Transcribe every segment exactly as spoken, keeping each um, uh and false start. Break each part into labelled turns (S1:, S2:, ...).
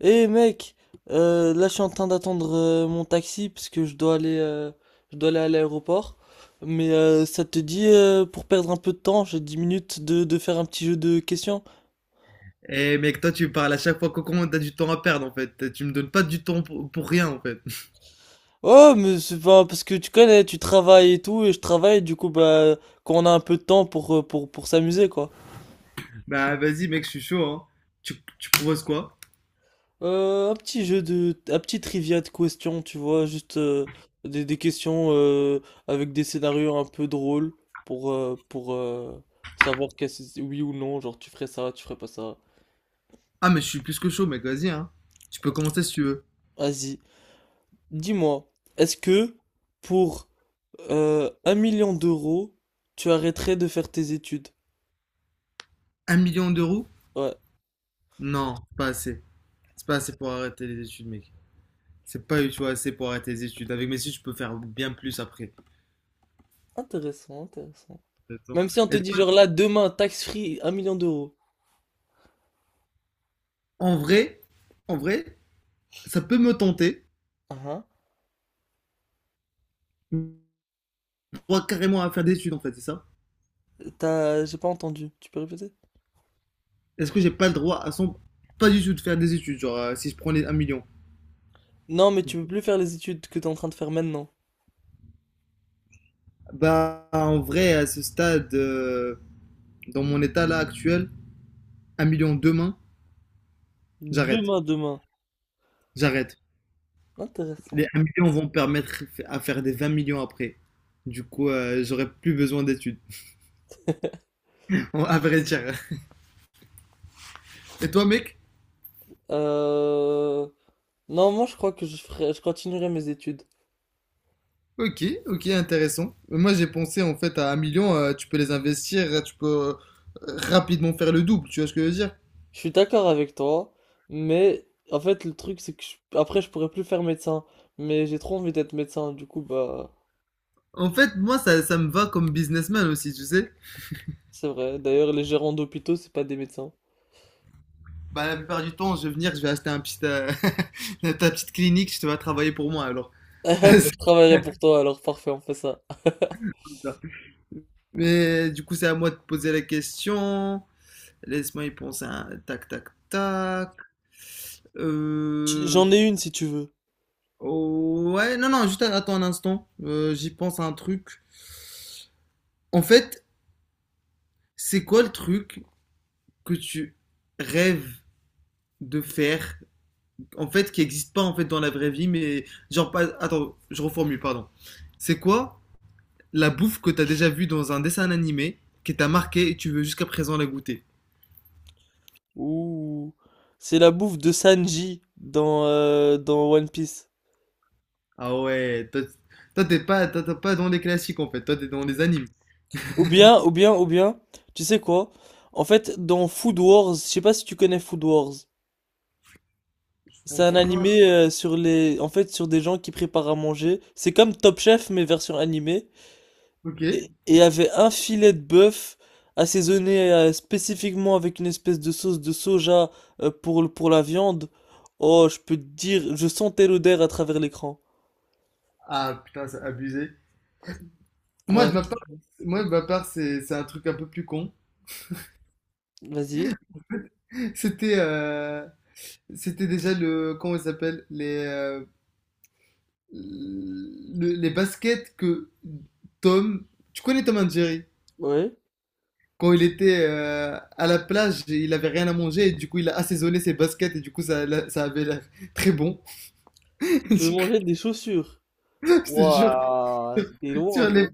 S1: Eh hey mec, euh, là je suis en train d'attendre euh, mon taxi parce que je dois aller, euh, je dois aller à l'aéroport. Mais euh, ça te dit euh, pour perdre un peu de temps, j'ai dix minutes de, de faire un petit jeu de questions.
S2: Eh mec, toi tu me parles à chaque fois que comment t'as du temps à perdre en fait. Tu me donnes pas du temps pour, pour rien en fait.
S1: Oh, mais c'est pas parce que tu connais, tu travailles et tout, et je travaille, du coup bah quand on a un peu de temps pour euh, pour pour s'amuser quoi.
S2: Bah vas-y mec, je suis chaud hein. Tu, tu proposes quoi?
S1: Euh, un petit jeu de, un petit trivia de questions, tu vois, juste euh, des, des questions euh, avec des scénarios un peu drôles pour, euh, pour euh, savoir qu'est-ce, oui ou non, genre tu ferais ça, tu ferais pas ça.
S2: Ah mais je suis plus que chaud mec, vas-y hein. Tu peux commencer si tu veux.
S1: Vas-y, dis-moi, est-ce que pour euh, un million d'euros, tu arrêterais de faire tes études?
S2: Un million d'euros?
S1: Ouais,
S2: Non, c'est pas assez. C'est pas assez pour arrêter les études mec. C'est pas du tout assez pour arrêter les études. Avec mes études je peux faire bien plus après.
S1: intéressant, intéressant.
S2: Attends.
S1: Même si on te
S2: Et
S1: dit genre là, demain, tax free, un million d'euros.
S2: en vrai, en vrai, ça peut me tenter.
S1: Ah ah.
S2: J'ai le droit carrément à faire des études en fait, c'est ça?
S1: T'as, j'ai pas entendu, tu peux répéter?
S2: Est-ce que j'ai pas le droit à son... Pas du tout de faire des études, genre euh, si je prenais un million.
S1: Non, mais tu peux plus faire les études que t'es en train de faire maintenant.
S2: Bah, en vrai, à ce stade, euh, dans mon état là actuel, un million demain, j'arrête.
S1: Demain, demain.
S2: J'arrête. Les
S1: Intéressant.
S2: un million vont me permettre à faire des vingt millions après. Du coup, euh, j'aurai plus besoin d'études. À vrai dire. Et toi, mec?
S1: Euh... Non, moi je crois que je ferai... je continuerai mes études.
S2: Ok, ok, intéressant. Moi, j'ai pensé en fait à un million, euh, tu peux les investir, tu peux euh, rapidement faire le double, tu vois ce que je veux dire?
S1: Je suis d'accord avec toi, mais en fait le truc c'est que je- après je pourrais plus faire médecin, mais j'ai trop envie d'être médecin, du coup bah
S2: En fait, moi, ça, ça me va comme businessman aussi, tu sais.
S1: c'est vrai. D'ailleurs les gérants d'hôpitaux c'est pas des médecins.
S2: Bah, la plupart du temps, je vais venir, je vais acheter un petit, euh, ta petite clinique, je te vas travailler pour moi alors.
S1: Ah, bah,
S2: C'est
S1: je travaillerai pour toi alors parfait, on fait ça.
S2: comme ça. Mais du coup, c'est à moi de poser la question. Laisse-moi y penser. un- Tac, tac, tac.
S1: J-
S2: Euh...
S1: J'en ai une si tu veux.
S2: oh, ouais, non, non, juste attends un instant. Euh, j'y pense à un truc. En fait, c'est quoi le truc que tu rêves de faire, en fait, qui n'existe pas en fait dans la vraie vie, mais genre pas. Attends, je reformule, pardon. C'est quoi la bouffe que t'as déjà vue dans un dessin animé qui t'a marqué et tu veux jusqu'à présent la goûter.
S1: Ouh, c'est la bouffe de Sanji dans euh, dans One Piece.
S2: Ah ouais, toi, toi, t'es pas, toi, t'es pas dans les classiques en fait, toi t'es dans les animes.
S1: Ou bien, ou bien, ou bien, tu sais quoi? En fait, dans Food Wars, je sais pas si tu connais Food Wars.
S2: Je
S1: C'est un
S2: pense pas.
S1: animé euh, sur les, en fait, sur des gens qui préparent à manger. C'est comme Top Chef mais version animée.
S2: Ok.
S1: Et et il y avait un filet de bœuf assaisonné euh, spécifiquement avec une espèce de sauce de soja euh, pour le- pour la viande. Oh, je peux te dire, je sentais l'odeur à travers l'écran.
S2: Ah putain, c'est abusé. Moi
S1: Ouais,
S2: de ma part, moi de ma part, c'est c'est un truc un peu plus con.
S1: vas-y.
S2: C'était euh, c'était déjà le comment il s'appelle les euh, le- les baskets que Tom. Tu connais Tom and Jerry?
S1: Ouais.
S2: Quand il était euh, à la plage, il avait rien à manger et du coup il a assaisonné ses baskets et du coup ça, l'a- ça avait l'air très bon.
S1: Je veux
S2: Du coup,
S1: manger des chaussures?
S2: je te jure,
S1: Waouh, t'es
S2: sur
S1: loin.
S2: les-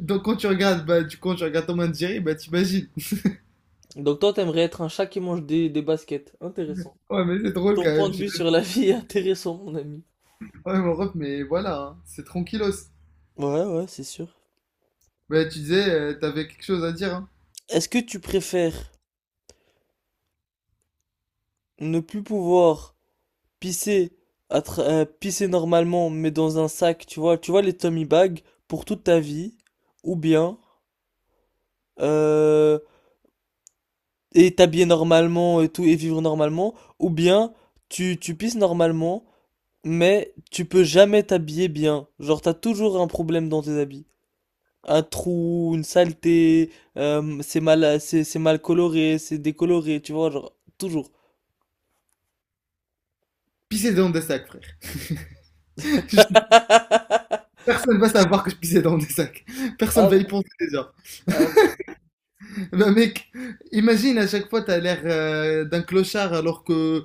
S2: Donc quand tu regardes, bah, du coup, quand tu regardes Tom and Jerry, bah t'imagines.
S1: Donc toi, t'aimerais être un chat qui mange des, des baskets. Intéressant.
S2: Ouais, mais c'est drôle
S1: Ton
S2: quand
S1: point
S2: même.
S1: de
S2: J'ai
S1: vue sur la vie est intéressant, mon ami.
S2: ouais, mon ref, mais voilà, hein, c'est tranquillos.
S1: Ouais, ouais, c'est sûr.
S2: Bah tu disais, euh, t'avais quelque chose à dire. Hein.
S1: Est-ce que tu préfères ne plus pouvoir pisser, à tra- euh, pisser normalement, mais dans un sac, tu vois, tu vois les tummy bags pour toute ta vie, ou bien euh, et t'habiller normalement et tout et vivre normalement, ou bien tu tu pisses normalement, mais tu peux jamais t'habiller bien, genre t'as toujours un problème dans tes habits. Un trou, une saleté, euh, c'est mal, c'est c'est mal coloré, c'est décoloré, tu vois, genre, toujours.
S2: Pisser dans des sacs, frère. Personne va savoir que je pissais dans des sacs. Personne
S1: Ah,
S2: va y
S1: bon,
S2: penser déjà.
S1: ah, bon.
S2: Ben mec, imagine à chaque fois t'as l'air euh, d'un clochard alors que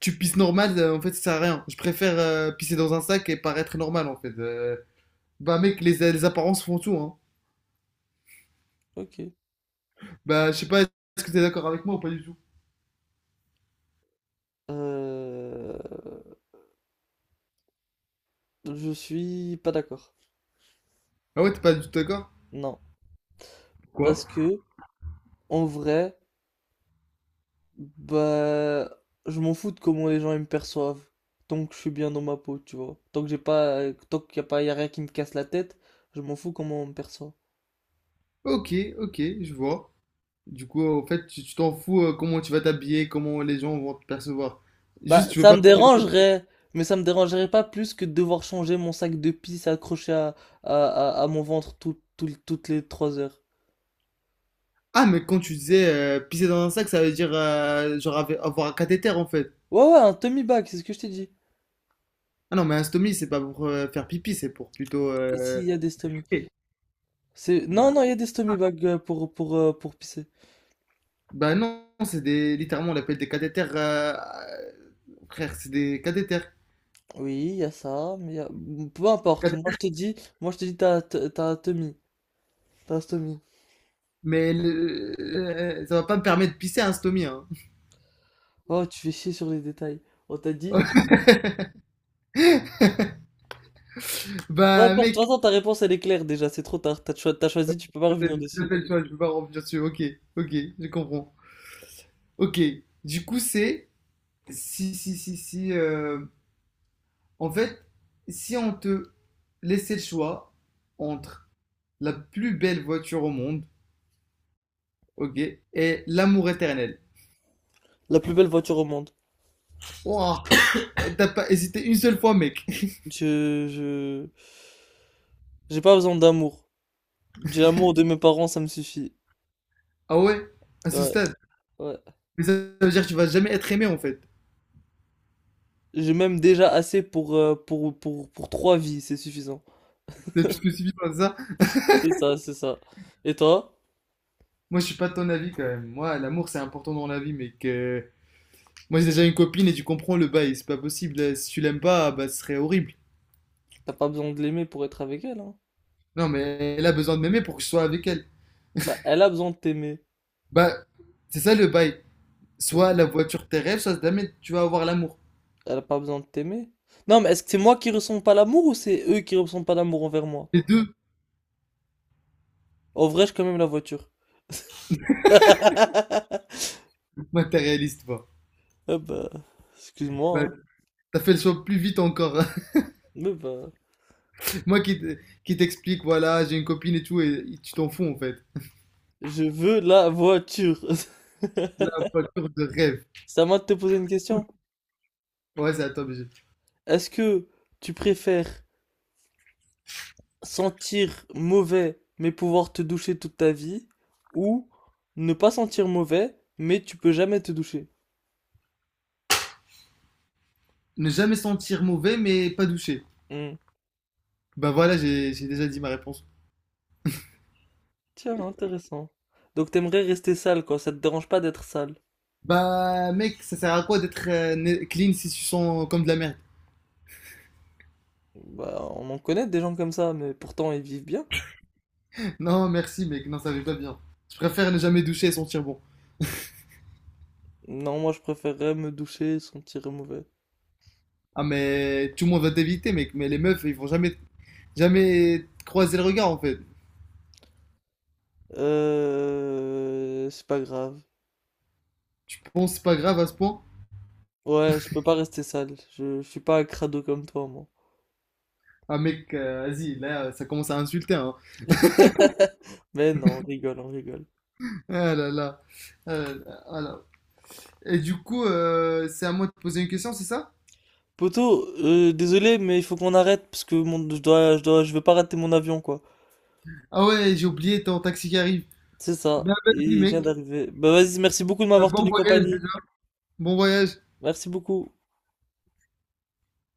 S2: tu pisses normal, euh, en fait ça sert à rien. Je préfère euh, pisser dans un sac et paraître normal en fait. Euh, bah mec, les, les apparences font tout hein.
S1: Ok.
S2: Bah je sais pas, est-ce que t'es d'accord avec moi ou pas du tout?
S1: Euh, je suis pas d'accord.
S2: Ah ouais, t'es pas du tout d'accord?
S1: Non.
S2: Quoi?
S1: Parce que, en vrai, bah, je m'en fous de comment les gens ils me perçoivent. Tant que je suis bien dans ma peau, tu vois. Tant que j'ai pas, tant qu'il y a pas, y a rien qui me casse la tête, je m'en fous comment on me perçoit.
S2: Ok, ok, je vois. Du coup, en fait, tu tu t'en fous euh, comment tu vas t'habiller, comment les gens vont te percevoir.
S1: Bah,
S2: Juste, tu veux
S1: ça
S2: pas
S1: me
S2: pisser dans-
S1: dérangerait, mais ça me dérangerait pas plus que de devoir changer mon sac de pisse accroché à, à, à- à mon ventre tout- tout- toutes les trois heures.
S2: Ah, mais quand tu disais euh, pisser dans un sac, ça veut dire euh, genre avoir avoir un cathéter en fait.
S1: Ouais, ouais, un tummy bag, c'est ce que je t'ai dit.
S2: Ah non, mais un stomie, c'est pas pour euh, faire pipi, c'est pour plutôt. euh,
S1: S'il y a des stommy.
S2: Ok.
S1: C'est... Non,
S2: Bah,
S1: non, il y a des stommy bags euh, pour, pour, euh, pour pisser.
S2: bah non, c'est des. Littéralement, on l'appelle des cathéters. euh, euh, Frère, c'est des cathéters.
S1: Oui, il y a ça, mais il y a- Peu importe, moi
S2: Cath-
S1: je te dis, moi je te dis, t'as, t'as t'as un tummy. T'as un stommy.
S2: Mais le- euh, ça va pas me permettre de pisser un stomie. Hein.
S1: Oh, tu fais chier sur les détails. On t'a dit... tu- Peu
S2: Bah
S1: importe, de
S2: mec,
S1: toute façon, ta réponse elle est claire déjà, c'est trop tard. T'as cho- t'as choisi, tu peux pas
S2: t'as fait
S1: revenir dessus.
S2: le choix, je peux pas revenir dessus. Ok, ok, je comprends. Ok, du coup, c'est. Si, si, si, si. euh, En fait, si on te laissait le choix entre la plus belle voiture au monde. Ok. Et l'amour éternel.
S1: La plus belle voiture au monde.
S2: Ouah, t'as pas hésité une seule fois, mec.
S1: Je, je, j'ai pas besoin d'amour. J'ai l'amour de mes parents, ça me suffit.
S2: Ah ouais? À ce
S1: Ouais,
S2: stade.
S1: ouais.
S2: Mais ça veut dire que tu vas jamais être aimé, en fait.
S1: J'ai même déjà assez pour, euh, pour, pour, pour trois vies, c'est suffisant.
S2: C'est plus que suffit par ça.
S1: C'est ça, c'est ça. Et toi,
S2: Moi, je suis pas de ton avis, quand même. Moi, l'amour, c'est important dans la vie, mec. Euh, Moi, j'ai déjà une copine et tu comprends le bail. C'est pas possible. Euh, Si tu l'aimes pas, bah, ce serait horrible.
S1: t'as pas besoin de l'aimer pour être avec elle, hein?
S2: Non, mais elle a besoin de m'aimer pour que je sois avec elle.
S1: Bah, elle a besoin de t'aimer.
S2: Bah, c'est ça le bail.
S1: Ok.
S2: Soit la voiture de tes rêves, soit jamais tu vas avoir l'amour.
S1: Elle a pas besoin de t'aimer. Non, mais est-ce que c'est moi qui ressens pas l'amour ou c'est eux qui ressentent pas l'amour envers moi?
S2: Les deux
S1: En vrai, j'ai quand même la voiture.
S2: matérialistes, toi.
S1: Ah bah, excuse-moi,
S2: Bah,
S1: hein.
S2: t'as fait le choix plus vite encore.
S1: Mais bah,
S2: Moi qui te- qui t'explique, voilà, j'ai une copine et tout, et tu t'en fous en fait.
S1: je veux la voiture.
S2: Là, voiture de rêve.
S1: C'est à moi de te poser une question.
S2: Ouais, c'est à toi, B G.
S1: Est-ce que tu préfères sentir mauvais mais pouvoir te doucher toute ta vie ou ne pas sentir mauvais mais tu peux jamais te doucher?
S2: Ne jamais sentir mauvais, mais pas douché.
S1: Hmm.
S2: Bah voilà, j'ai j'ai déjà dit ma réponse.
S1: Tiens, intéressant. Donc t'aimerais rester sale quoi, ça te dérange pas d'être sale.
S2: Bah mec, ça sert à quoi d'être euh, né- clean si tu sens comme de la merde?
S1: Bah on en connaît des gens comme ça mais pourtant ils vivent bien.
S2: Non, merci mec, non, ça va pas bien. Je préfère ne jamais doucher et sentir bon.
S1: Non, moi je préférerais me doucher et sentir mauvais.
S2: Ah mais tout le monde va t'éviter mec, mais les meufs, ils vont jamais, jamais te croiser le regard en fait.
S1: Euh, c'est pas grave.
S2: Tu penses pas grave à ce point?
S1: Ouais, je peux pas rester sale. Je, je suis pas un crado comme toi, moi.
S2: Ah mec, euh, vas-y, là, ça commence à insulter, hein.
S1: Mais non, on rigole, on rigole.
S2: Ah là là. Euh, alors. Et du coup, euh, c'est à moi de poser une question, c'est ça?
S1: Poto, euh, désolé, mais il faut qu'on arrête parce que mon, je dois, je dois, je veux pas rater mon avion, quoi.
S2: Ah ouais, j'ai oublié ton taxi qui arrive.
S1: C'est ça.
S2: Bah
S1: Et
S2: vas-y
S1: il vient
S2: mec.
S1: d'arriver. Bah vas-y, merci beaucoup de
S2: Bah,
S1: m'avoir
S2: bon
S1: tenu
S2: voyage
S1: compagnie.
S2: déjà. Bon voyage.
S1: Merci beaucoup.